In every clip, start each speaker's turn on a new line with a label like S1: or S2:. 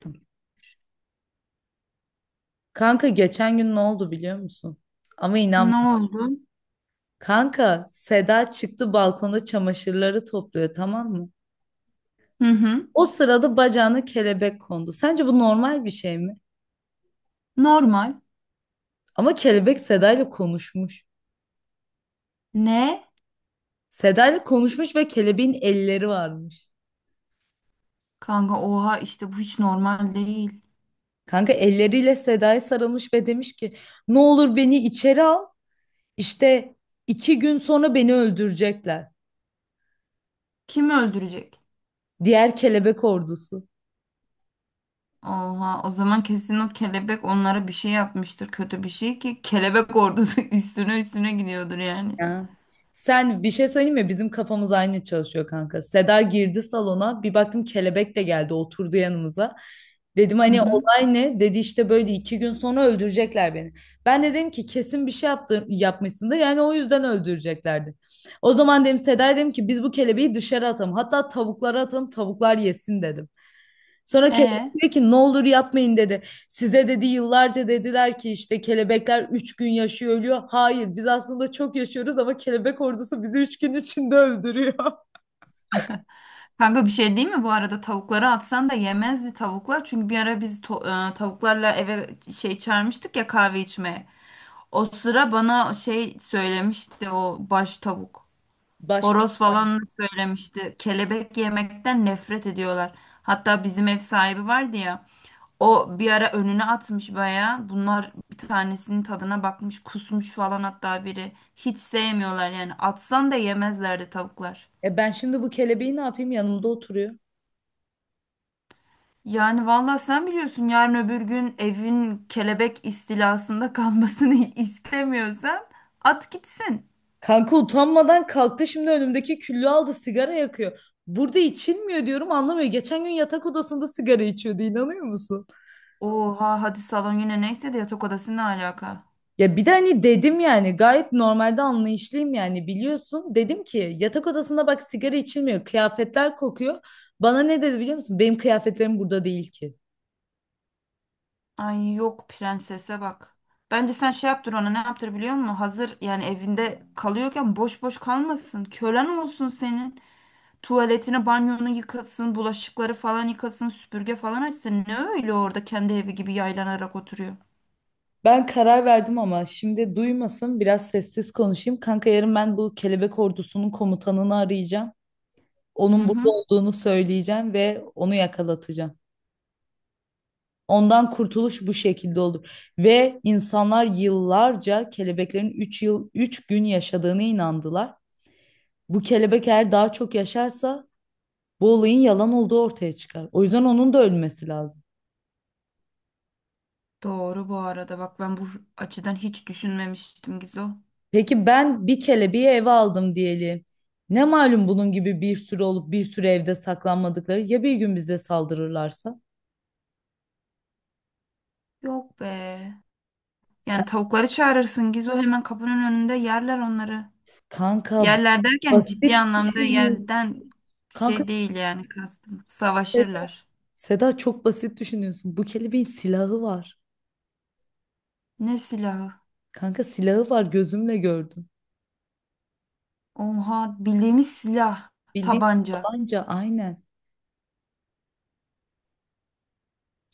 S1: Tamam. Kanka geçen gün ne oldu biliyor musun? Ama inan.
S2: Ne oldu?
S1: Kanka Seda çıktı balkonda çamaşırları topluyor tamam mı?
S2: Hı hı.
S1: O sırada bacağına kelebek kondu. Sence bu normal bir şey mi?
S2: Normal.
S1: Ama kelebek Seda ile konuşmuş.
S2: Ne?
S1: Seda ile konuşmuş ve kelebeğin elleri varmış.
S2: Kanka oha işte bu hiç normal değil.
S1: Kanka elleriyle Seda'ya sarılmış ve demiş ki ne olur beni içeri al. İşte 2 gün sonra beni öldürecekler.
S2: Kimi öldürecek?
S1: Diğer kelebek ordusu.
S2: Oha o zaman kesin o kelebek onlara bir şey yapmıştır, kötü bir şey ki kelebek ordusu üstüne üstüne gidiyordur yani.
S1: Ya. Sen bir şey söyleyeyim mi? Bizim kafamız aynı çalışıyor kanka. Seda girdi salona. Bir baktım kelebek de geldi oturdu yanımıza. Dedim
S2: Hı
S1: hani
S2: hı.
S1: olay ne? Dedi işte böyle 2 gün sonra öldürecekler beni. Ben de dedim ki kesin bir şey yaptı, yapmışsındır. Yani o yüzden öldüreceklerdi. O zaman dedim Seda'ya dedim ki biz bu kelebeği dışarı atalım. Hatta tavuklara atalım tavuklar yesin dedim. Sonra
S2: E
S1: kelebek dedi ki ne olur yapmayın dedi. Size dedi yıllarca dediler ki işte kelebekler 3 gün yaşıyor ölüyor. Hayır biz aslında çok yaşıyoruz ama kelebek ordusu bizi 3 gün içinde öldürüyor.
S2: Kanka bir şey değil mi, bu arada tavukları atsan da yemezdi tavuklar, çünkü bir ara biz tavuklarla eve şey çağırmıştık ya, kahve içmeye. O sıra bana şey söylemişti o baş tavuk.
S1: Başta.
S2: Horoz falan söylemişti. Kelebek yemekten nefret ediyorlar. Hatta bizim ev sahibi vardı ya. O bir ara önüne atmış bayağı. Bunlar bir tanesinin tadına bakmış, kusmuş falan hatta biri. Hiç sevmiyorlar yani. Atsan da yemezlerdi tavuklar.
S1: E ben şimdi bu kelebeği ne yapayım yanımda oturuyor.
S2: Yani vallahi sen biliyorsun, yarın öbür gün evin kelebek istilasında kalmasını istemiyorsan at gitsin.
S1: Kanka utanmadan kalktı şimdi önümdeki küllü aldı sigara yakıyor. Burada içilmiyor diyorum anlamıyor. Geçen gün yatak odasında sigara içiyordu inanıyor musun?
S2: Oha hadi salon yine neyse de yatak odası ne alaka?
S1: Ya bir de hani dedim yani gayet normalde anlayışlıyım yani biliyorsun. Dedim ki yatak odasında bak sigara içilmiyor, kıyafetler kokuyor. Bana ne dedi biliyor musun? Benim kıyafetlerim burada değil ki.
S2: Ay yok, prensese bak. Bence sen şey yaptır ona, ne yaptır biliyor musun? Hazır yani evinde kalıyorken boş boş kalmasın. Kölen olsun senin. Tuvaletini, banyonu yıkasın, bulaşıkları falan yıkasın, süpürge falan açsın. Ne öyle orada kendi evi gibi yaylanarak oturuyor.
S1: Ben karar verdim ama şimdi duymasın biraz sessiz konuşayım. Kanka yarın ben bu kelebek ordusunun komutanını arayacağım.
S2: Hı
S1: Onun burada
S2: hı.
S1: olduğunu söyleyeceğim ve onu yakalatacağım. Ondan kurtuluş bu şekilde olur. Ve insanlar yıllarca kelebeklerin 3 yıl 3 gün yaşadığını inandılar. Bu kelebek eğer daha çok yaşarsa bu olayın yalan olduğu ortaya çıkar. O yüzden onun da ölmesi lazım.
S2: Doğru, bu arada bak ben bu açıdan hiç düşünmemiştim Gizo.
S1: Peki ben bir kelebeği eve aldım diyelim. Ne malum bunun gibi bir sürü olup bir sürü evde saklanmadıkları ya bir gün bize saldırırlarsa?
S2: Yok be.
S1: Sen
S2: Yani tavukları çağırırsın Gizo, hemen kapının önünde yerler onları.
S1: kanka
S2: Yerler derken ciddi
S1: basit
S2: anlamda
S1: düşünüyorsun.
S2: yerden
S1: Kanka
S2: şey değil yani kastım. Savaşırlar.
S1: Seda çok basit düşünüyorsun. Bu kelebeğin silahı var.
S2: Ne silahı?
S1: Kanka silahı var gözümle gördüm.
S2: Oha, bildiğimiz silah.
S1: Bildiğin
S2: Tabanca.
S1: tabanca aynen.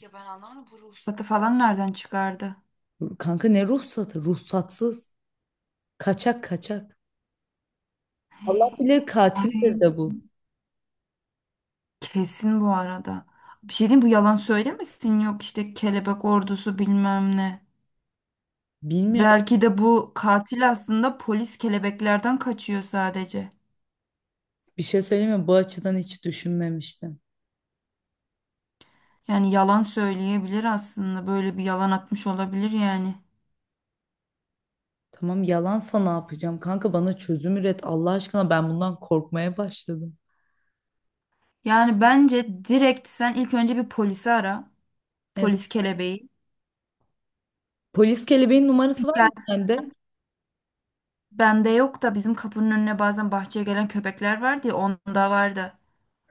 S2: Ya ben anlamadım, bu ruhsat falan nereden çıkardı?
S1: Kanka ne ruhsatı? Ruhsatsız. Kaçak kaçak. Allah bilir katildir
S2: Ay
S1: de bu.
S2: kesin bu arada. Bir şey diyeyim, bu yalan söylemesin yok işte kelebek ordusu bilmem ne.
S1: Bilmiyorum.
S2: Belki de bu katil aslında polis kelebeklerden kaçıyor sadece.
S1: Bir şey söyleyeyim mi? Bu açıdan hiç düşünmemiştim.
S2: Yani yalan söyleyebilir, aslında böyle bir yalan atmış olabilir yani.
S1: Tamam yalansa ne yapacağım? Kanka bana çözüm üret. Allah aşkına ben bundan korkmaya başladım.
S2: Yani bence direkt sen ilk önce bir polisi ara.
S1: Evet.
S2: Polis kelebeği.
S1: Polis kelebeğin numarası var mı
S2: Yani
S1: sende?
S2: bende yok da, bizim kapının önüne bazen bahçeye gelen köpekler vardı ya, onda vardı.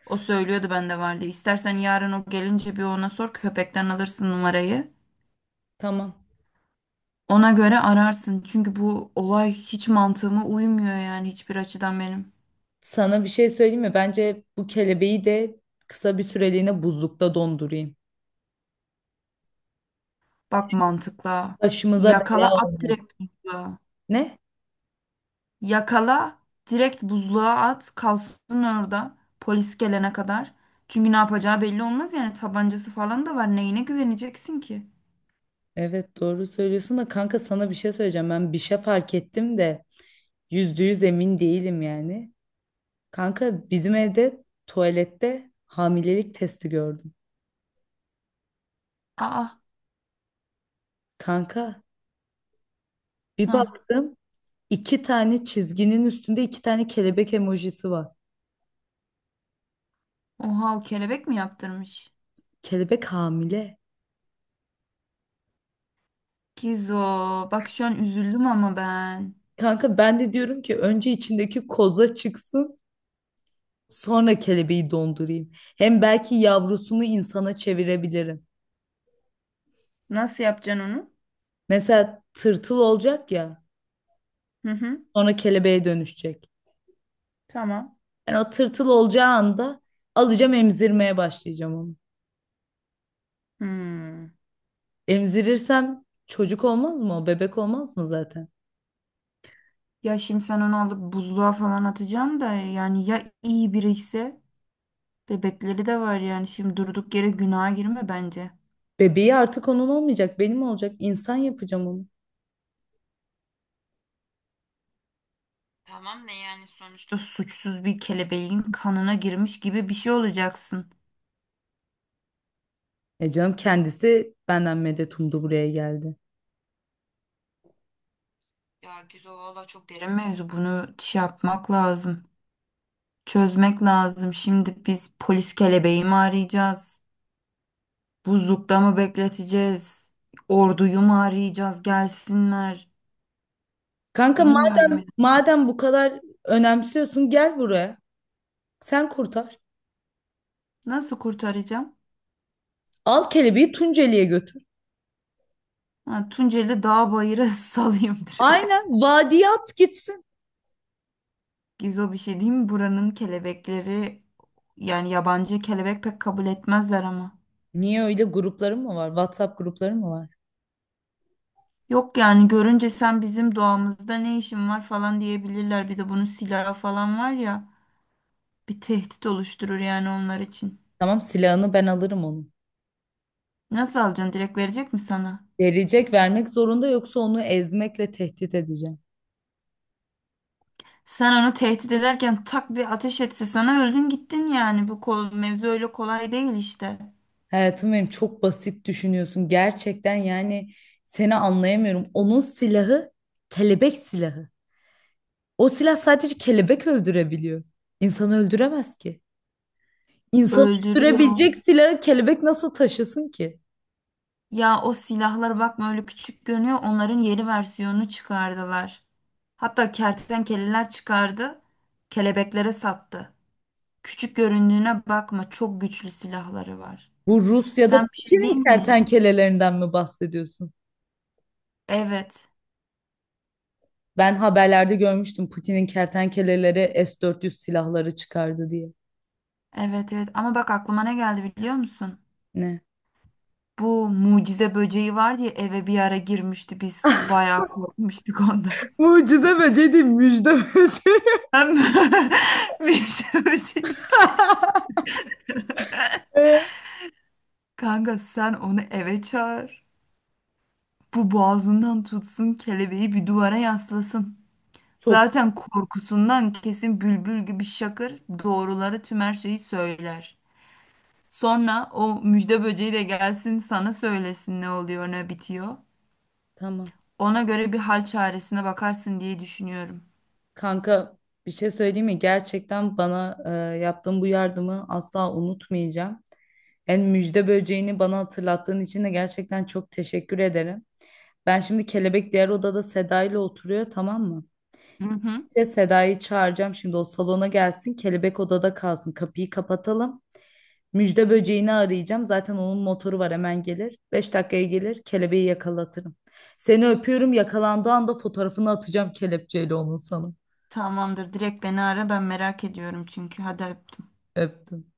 S2: O söylüyordu bende vardı. İstersen yarın o gelince bir ona sor, köpekten alırsın numarayı.
S1: Tamam.
S2: Ona göre ararsın. Çünkü bu olay hiç mantığıma uymuyor yani, hiçbir açıdan benim.
S1: Sana bir şey söyleyeyim mi? Bence bu kelebeği de kısa bir süreliğine buzlukta dondurayım.
S2: Bak mantıkla.
S1: Başımıza
S2: Yakala
S1: bela
S2: at
S1: olma.
S2: direkt mantıkla.
S1: Ne?
S2: Yakala, direkt buzluğa at, kalsın orada polis gelene kadar. Çünkü ne yapacağı belli olmaz yani, tabancası falan da var. Neyine güveneceksin ki?
S1: Evet doğru söylüyorsun da kanka sana bir şey söyleyeceğim. Ben bir şey fark ettim de %100 emin değilim yani. Kanka bizim evde tuvalette hamilelik testi gördüm.
S2: Aa,
S1: Kanka bir
S2: ha.
S1: baktım 2 tane çizginin üstünde 2 tane kelebek emojisi var.
S2: Oha, o kelebek mi yaptırmış?
S1: Kelebek hamile.
S2: Kizo, bak şu an üzüldüm ama ben.
S1: Kanka ben de diyorum ki önce içindeki koza çıksın sonra kelebeği dondurayım. Hem belki yavrusunu insana çevirebilirim.
S2: Nasıl yapacaksın onu?
S1: Mesela tırtıl olacak ya
S2: Hı hı.
S1: sonra kelebeğe dönüşecek.
S2: Tamam.
S1: Yani o tırtıl olacağı anda alacağım emzirmeye başlayacağım onu.
S2: Hmm.
S1: Emzirirsem çocuk olmaz mı o? Bebek olmaz mı zaten?
S2: Ya şimdi sen onu alıp buzluğa falan atacaksın da, yani ya iyi biri ise bebekleri de var yani, şimdi durduk yere günaha girme bence.
S1: Bebeği artık onun olmayacak, benim olacak. İnsan yapacağım onu.
S2: Tamam ne yani, sonuçta İşte suçsuz bir kelebeğin kanına girmiş gibi bir şey olacaksın.
S1: E canım kendisi benden medet umdu buraya geldi.
S2: Ya Gizo valla çok derin mevzu, bunu şey yapmak lazım. Çözmek lazım. Şimdi biz polis kelebeği mi arayacağız? Buzlukta mı bekleteceğiz? Orduyu mu arayacağız, gelsinler?
S1: Kanka
S2: Bilmiyorum ya.
S1: madem bu kadar önemsiyorsun gel buraya. Sen kurtar.
S2: Nasıl kurtaracağım?
S1: Al kelebeği Tunceli'ye götür.
S2: Ha, Tunceli dağ bayıra salayım direkt.
S1: Aynen vadiye at gitsin.
S2: Gizo bir şey diyeyim mi? Buranın kelebekleri, yani yabancı kelebek pek kabul etmezler ama.
S1: Niye öyle grupların mı var? WhatsApp grupları mı var?
S2: Yok yani, görünce sen bizim doğamızda ne işin var falan diyebilirler. Bir de bunun silahı falan var ya, bir tehdit oluşturur yani onlar için.
S1: Tamam silahını ben alırım onu.
S2: Nasıl alacaksın, direkt verecek mi sana?
S1: Verecek vermek zorunda yoksa onu ezmekle tehdit edeceğim.
S2: Sen onu tehdit ederken tak bir ateş etse sana, öldün gittin yani. Bu kol, mevzu öyle kolay değil işte.
S1: Hayatım benim çok basit düşünüyorsun. Gerçekten yani seni anlayamıyorum. Onun silahı kelebek silahı. O silah sadece kelebek öldürebiliyor. İnsanı öldüremez ki. İnsanı
S2: Öldürüyor.
S1: öldürebilecek silahı kelebek nasıl taşısın ki?
S2: Ya o silahlar bakma öyle küçük görünüyor. Onların yeni versiyonunu çıkardılar. Hatta kertenkeleler çıkardı. Kelebeklere sattı. Küçük göründüğüne bakma, çok güçlü silahları var.
S1: Bu Rusya'da
S2: Sen bir şey değil
S1: Putin'in
S2: mi?
S1: kertenkelelerinden mi bahsediyorsun?
S2: Evet.
S1: Ben haberlerde görmüştüm Putin'in kertenkeleleri S-400 silahları çıkardı diye.
S2: Evet evet, ama bak aklıma ne geldi biliyor musun?
S1: Ne?
S2: Bu mucize böceği var diye eve bir ara girmişti, biz bayağı korkmuştuk ondan.
S1: Mucize böceği değil, müjde böceği.
S2: Hem mucize böceği.
S1: Ee?
S2: Kanka sen onu eve çağır. Bu boğazından tutsun kelebeği, bir duvara yaslasın.
S1: Çok.
S2: Zaten korkusundan kesin bülbül gibi şakır, doğruları tüm her şeyi söyler. Sonra o müjde böceği de gelsin sana söylesin ne oluyor ne bitiyor.
S1: Tamam.
S2: Ona göre bir hal çaresine bakarsın diye düşünüyorum.
S1: Kanka bir şey söyleyeyim mi? Gerçekten bana yaptığın bu yardımı asla unutmayacağım. En müjde böceğini bana hatırlattığın için de gerçekten çok teşekkür ederim. Ben şimdi kelebek diğer odada Seda ile oturuyor tamam mı?
S2: Hı hı.
S1: İşte Seda'yı çağıracağım şimdi o salona gelsin kelebek odada kalsın kapıyı kapatalım. Müjde böceğini arayacağım zaten onun motoru var hemen gelir. 5 dakikaya gelir kelebeği yakalatırım. Seni öpüyorum yakalandığı anda fotoğrafını atacağım kelepçeyle onun sana.
S2: Tamamdır, direkt beni ara, ben merak ediyorum çünkü. Hadi öptüm.
S1: Öptüm.